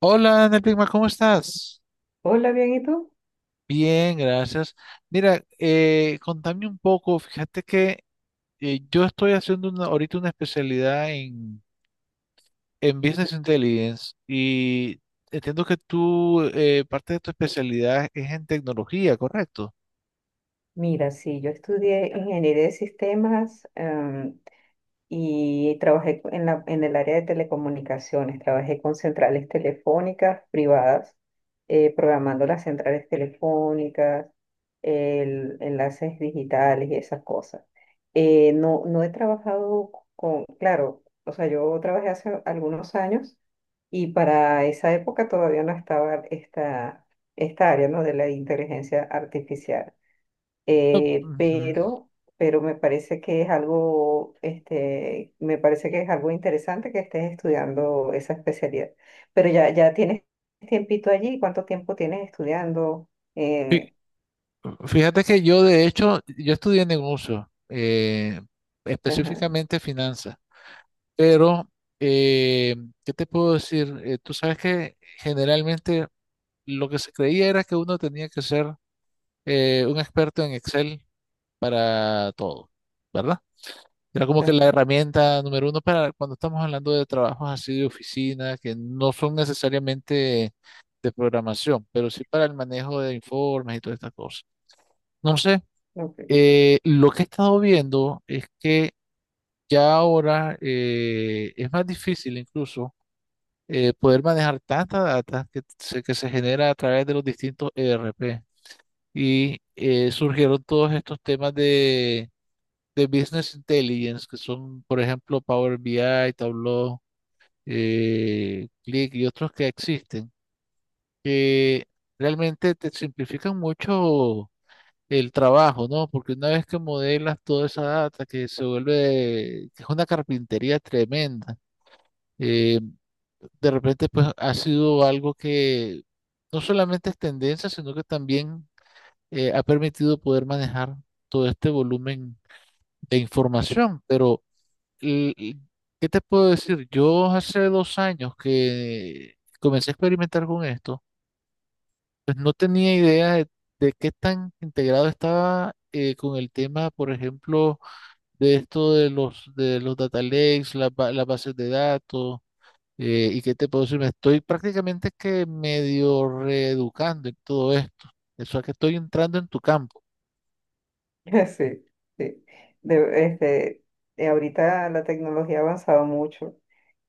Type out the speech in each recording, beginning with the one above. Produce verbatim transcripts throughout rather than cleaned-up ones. Hola, Ana Pigma, ¿cómo estás? Hola, bien, ¿y tú? Bien, gracias. Mira, eh, contame un poco, fíjate que eh, yo estoy haciendo una- ahorita una especialidad en, en Business Intelligence y entiendo que tú, eh, parte de tu especialidad es en tecnología, ¿correcto? Mira, sí, yo estudié ingeniería de sistemas em, y trabajé co- en la, en el área de telecomunicaciones. Trabajé con centrales telefónicas privadas, eh, programando las centrales telefónicas, el- enlaces digitales y esas cosas. Eh, no, no he trabajado con, claro, o sea, yo trabajé hace algunos años y para esa época todavía no estaba esta, esta área, ¿no? De la inteligencia artificial. No, eh, ujú. pero, pero me parece que es algo, este, me parece que es algo interesante que estés estudiando esa especialidad. Pero ya, ya tienes tiempito allí, ¿cuánto tiempo tienes estudiando? Fí- Eh, Fíjate que yo, de hecho, yo estudié negocio, eh, ajá, específicamente finanzas, pero, eh, ¿qué te puedo decir? Eh, tú sabes que generalmente lo que se creía era que uno tenía que ser eh, un experto en Excel para todo, ¿verdad? Era como que la ajá, herramienta número uno para cuando estamos hablando de trabajos así de oficina, que no son necesariamente de programación, pero sí para el manejo de informes y todas estas cosas. No sé, ok. eh, lo que he estado viendo es que ya ahora eh, es más difícil incluso eh, poder manejar tanta data que se, que se genera a través de los distintos E R P. Y eh, surgieron todos estos temas de, de Business Intelligence, que son, por ejemplo, Power B I, Tableau, eh, Click y otros que existen, que realmente te simplifican mucho el trabajo, ¿no? Porque una vez que modelas toda esa data, que se vuelve, que es una carpintería tremenda, eh, de repente pues ha sido algo que no solamente es tendencia, sino que también eh, ha permitido poder manejar todo este volumen de información. Pero, l- l- ¿qué te puedo decir? Yo hace dos años que comencé a experimentar con esto, pues no tenía idea de, de qué tan integrado estaba eh, con el tema, por ejemplo, de esto de los, de los data lakes, las, ba- las bases de datos. Eh, y qué te puedo decir, me estoy prácticamente que medio reeducando en todo esto. Eso es que estoy entrando en tu campo. Sí, sí. De- este, eh, Ahorita la tecnología ha avanzado mucho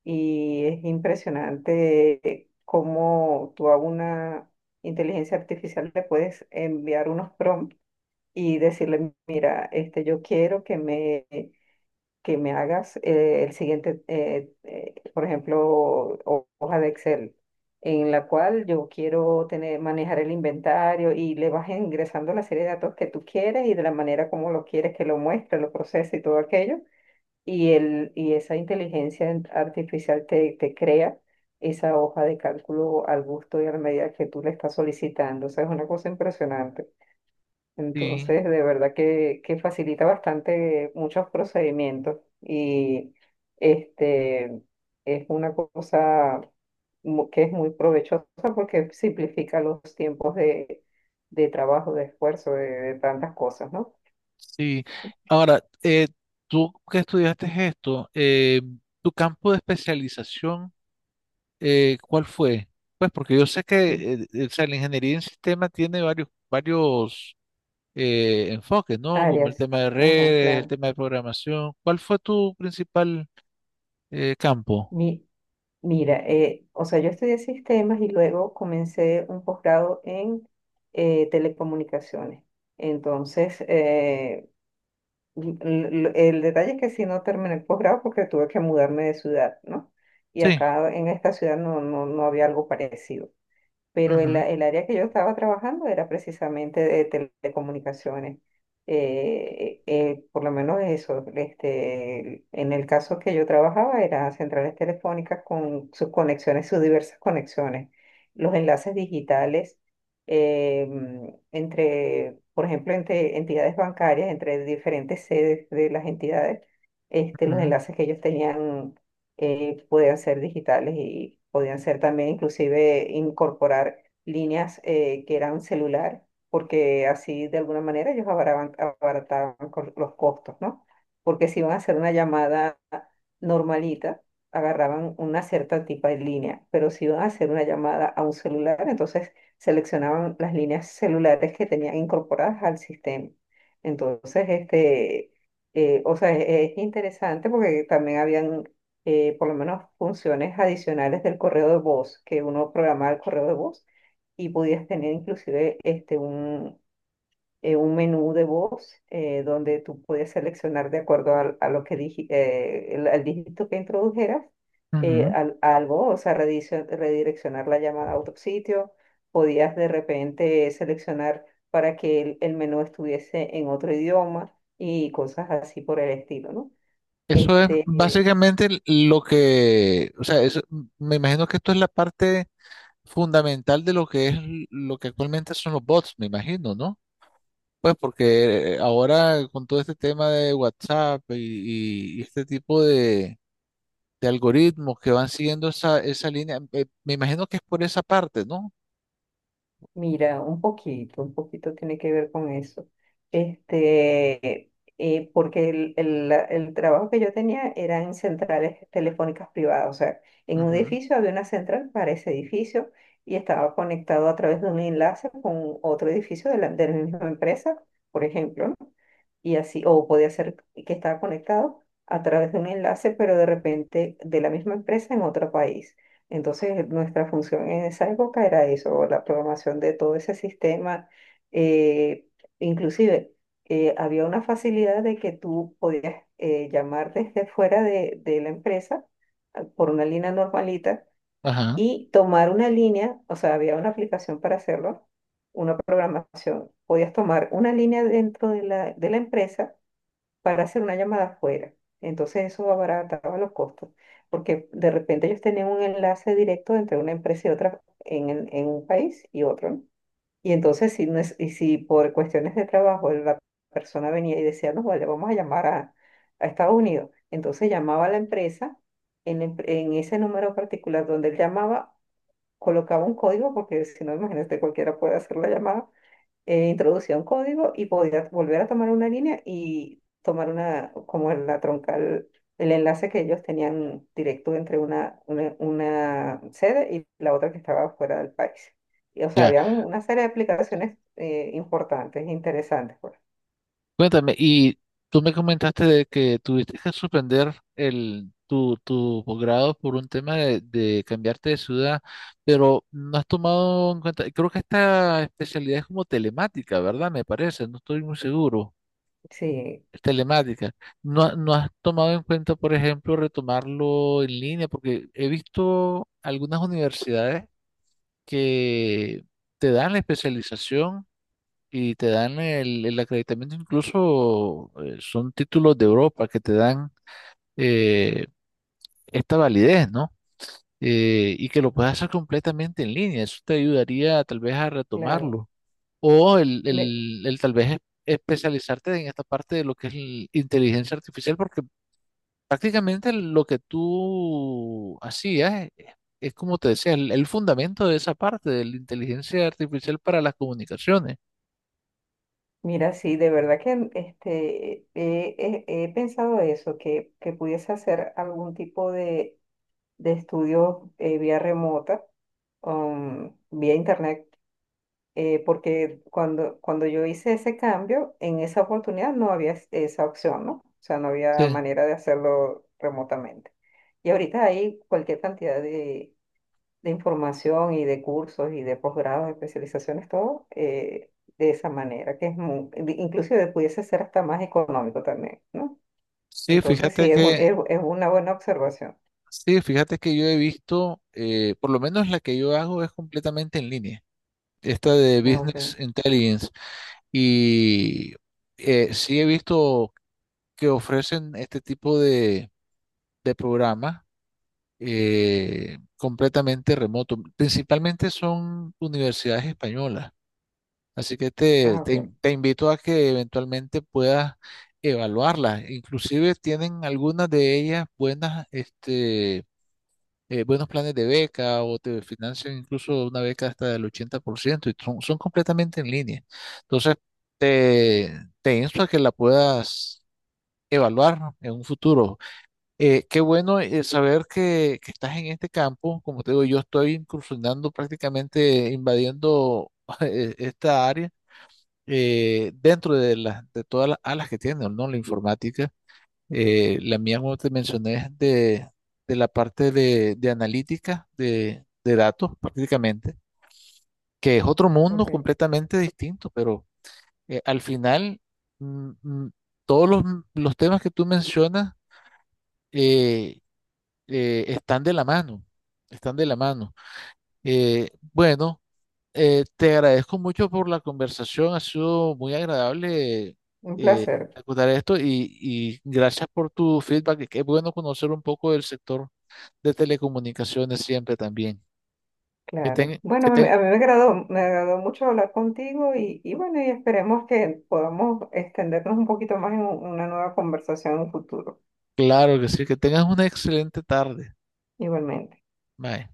y es impresionante cómo tú a una inteligencia artificial le puedes enviar unos prompts y decirle, mira, este, yo quiero que me, que me hagas eh, el siguiente, eh, eh, por ejemplo, ho- hoja de Excel, en la cual yo quiero tener, manejar el inventario y le vas ingresando la serie de datos que tú quieres y de la manera como lo quieres que lo muestre, lo procese y todo aquello. Y, el, y esa inteligencia en- artificial te, te crea esa hoja de cálculo al gusto y a la medida que tú le estás solicitando. O sea, es una cosa impresionante. Sí. Entonces, de verdad que, que facilita bastante muchos procedimientos y este, es una cosa mu- que es muy provechosa porque simplifica los tiempos de, de trabajo, de esfuerzo, de, de tantas cosas, ¿no? Sí, ahora, eh, tú que estudiaste esto, eh, tu campo de especialización, eh, ¿cuál fue? Pues porque yo sé que Mm, eh, eh, o sea, la ingeniería en sistema tiene varios, varios eh, enfoques, ¿no? Como el áreas, tema de ajá, redes, el claro. tema de programación. ¿Cuál fue tu principal eh, campo? Mi, Mira, eh, o sea, yo estudié sistemas y luego comencé un posgrado en eh, telecomunicaciones. Entonces, eh, l- El detalle es que sí no terminé el posgrado porque tuve que mudarme de ciudad, ¿no? Y Sí. acá en esta ciudad no, no, no había algo parecido, pero el, Ujú, a- el área que yo estaba trabajando era precisamente de telecomunicaciones. Eh, eh, por lo menos eso, este, en el caso que yo trabajaba eran centrales telefónicas con sus conexiones, sus diversas conexiones, los enlaces digitales em, entre, por ejemplo, entre entidades bancarias, entre diferentes sedes de las entidades, este, los ujú, enlaces que ellos tenían eh, podían ser digitales y podían ser también inclusive incorporar líneas eh, que eran celular, porque así de alguna manera ellos abaraban- abarataban, co- los costos, ¿no? Porque si iban a hacer una llamada normalita, agarraban una cierta tipo de línea, pero si iban a hacer una llamada a un celular, entonces seleccionaban las líneas celulares que tenían incorporadas al sistema. Entonces, este, eh, o sea, es es interesante porque también habían eh, por lo menos funciones adicionales del correo de voz, que uno programaba el correo de voz y podías tener inclusive este, un, eh, un menú de voz eh, donde tú podías seleccionar de acuerdo al- a lo que digi- eh, el- al dígito que introdujeras eh, ujú. al- algo, o sea, redicio- redireccionar la llamada a otro sitio, podías de repente seleccionar para que el, el menú estuviese en otro idioma y cosas así por el estilo, ¿no? Eso es Este, básicamente lo que, o sea, eso- me imagino que esto es la parte fundamental de lo que es l- lo que actualmente son los bots, me imagino, ¿no? Pues porque eh, ahora con todo este tema de WhatsApp y, y este tipo de, de algoritmos que van siguiendo esa, esa línea, eh, me imagino que es por esa parte, ¿no? mira, un poquito, un poquito tiene que ver con eso. Este, eh, porque el, el- la- el trabajo que yo tenía era en centrales telefónicas privadas, o sea, en un Ujú. edificio había una central para ese edificio y estaba conectado a través de un enlace con otro edificio de la, de la misma empresa, por ejemplo, ¿no? Y así, o podía ser que estaba conectado a través de un enlace, pero de repente de la misma empresa en otro país. Entonces, nuestra función en esa época era eso, la programación de todo ese sistema. eh, inclusive, eh, Había una facilidad de que tú podías eh, llamar desde fuera de, de la empresa, ah, por una línea normalita Ajá. y tomar una línea, o sea, había una aplicación para hacerlo, una programación. Podías tomar una línea dentro de la, de la empresa para hacer una llamada afuera. Entonces eso abarataba los costos, porque de repente ellos tenían un enlace directo entre una empresa y otra en, en- en un país y otro, ¿no? Y entonces si, no es- y si por cuestiones de trabajo la persona venía y decía, no, vale, vamos a llamar a, a Estados Unidos, entonces llamaba a la empresa en, la em- en ese número particular donde él llamaba, colocaba un código, porque si no, imagínate, cualquiera puede hacer la llamada. Eh, introducía un código y podía volver a tomar una línea y tomar una, como la troncal, el enlace que ellos tenían directo entre una, una, una sede y la otra que estaba fuera del país. Y, o sea, Ya. había un- una serie de aplicaciones eh, importantes, interesantes, pues. Cuéntame, y tú me comentaste de que tuviste que suspender el, tu, tu posgrado por un tema de, de cambiarte de ciudad, pero no has tomado en cuenta, creo que esta especialidad es como telemática, ¿verdad? Me parece, no estoy muy seguro, Sí, es telemática. No, ha- no has tomado en cuenta, por ejemplo, retomarlo en línea, porque he visto algunas universidades que te dan la especialización y te dan el, el acreditamiento, incluso eh, son títulos de Europa que te dan eh, esta validez, ¿no? Eh, y que lo puedas hacer completamente en línea, eso te ayudaría tal vez a claro. retomarlo. O el, Me- el, el tal vez es- especializarte en esta parte de lo que es el inteligencia artificial, porque prácticamente lo que tú hacías es, es como te decía, el, el fundamento de esa parte de la inteligencia artificial para las comunicaciones. Mira, sí, de verdad que este, he, he- he pensado eso, que, que pudiese hacer algún tipo de, de estudio eh, vía remota, um, vía internet, eh, porque cuando, cuando yo hice ese cambio, en esa oportunidad no había es- esa opción, ¿no? O sea, no había Sí, manera de hacerlo remotamente. Y ahorita hay cualquier cantidad de, de información y de cursos y de posgrados, de especializaciones, todo eh, de esa manera, que es muy, inclusive pudiese ser hasta más económico también, ¿no? sí, Entonces fíjate sí, es un- que es, es una buena observación. sí, fíjate que yo he visto, eh, por lo menos la que yo hago es completamente en línea, esta de Ah, ok, Business Intelligence, y eh, sí he visto que ofrecen este tipo de, de programas eh, completamente remoto. Principalmente son universidades españolas, así que te, ah, te ok, in- te invito a que eventualmente puedas evaluarlas. Inclusive tienen algunas de ellas buenas, este eh, buenos planes de beca o te financian incluso una beca hasta del ochenta por ciento y son, son completamente en línea. Entonces, te, te insto a que la puedas evaluar en un futuro. Eh, qué bueno eh, saber que, que estás en este campo. Como te digo, yo estoy incursionando prácticamente, invadiendo eh, esta área eh, dentro de, las de todas las alas que tiene, ¿no? La informática. Eh, la mía, como te mencioné, es de, de la parte de, de analítica de, de datos prácticamente, que es otro mundo ok. completamente distinto, pero eh, al final mm, mm, todos los, los temas que tú mencionas eh, eh, están de la mano, están de la mano. Eh, bueno, eh, te agradezco mucho por la conversación, ha sido muy agradable Un eh, placer. acordar esto y, y gracias por tu feedback, qué bueno conocer un poco del sector de telecomunicaciones siempre también. Que Claro. tengan, Bueno, que a mí, ten- a mí me agradó, me agradó mucho hablar contigo y, y bueno, y esperemos que podamos extendernos un poquito más en un- una nueva conversación en un futuro, Claro que sí, que tengas una excelente tarde. igualmente. Bye.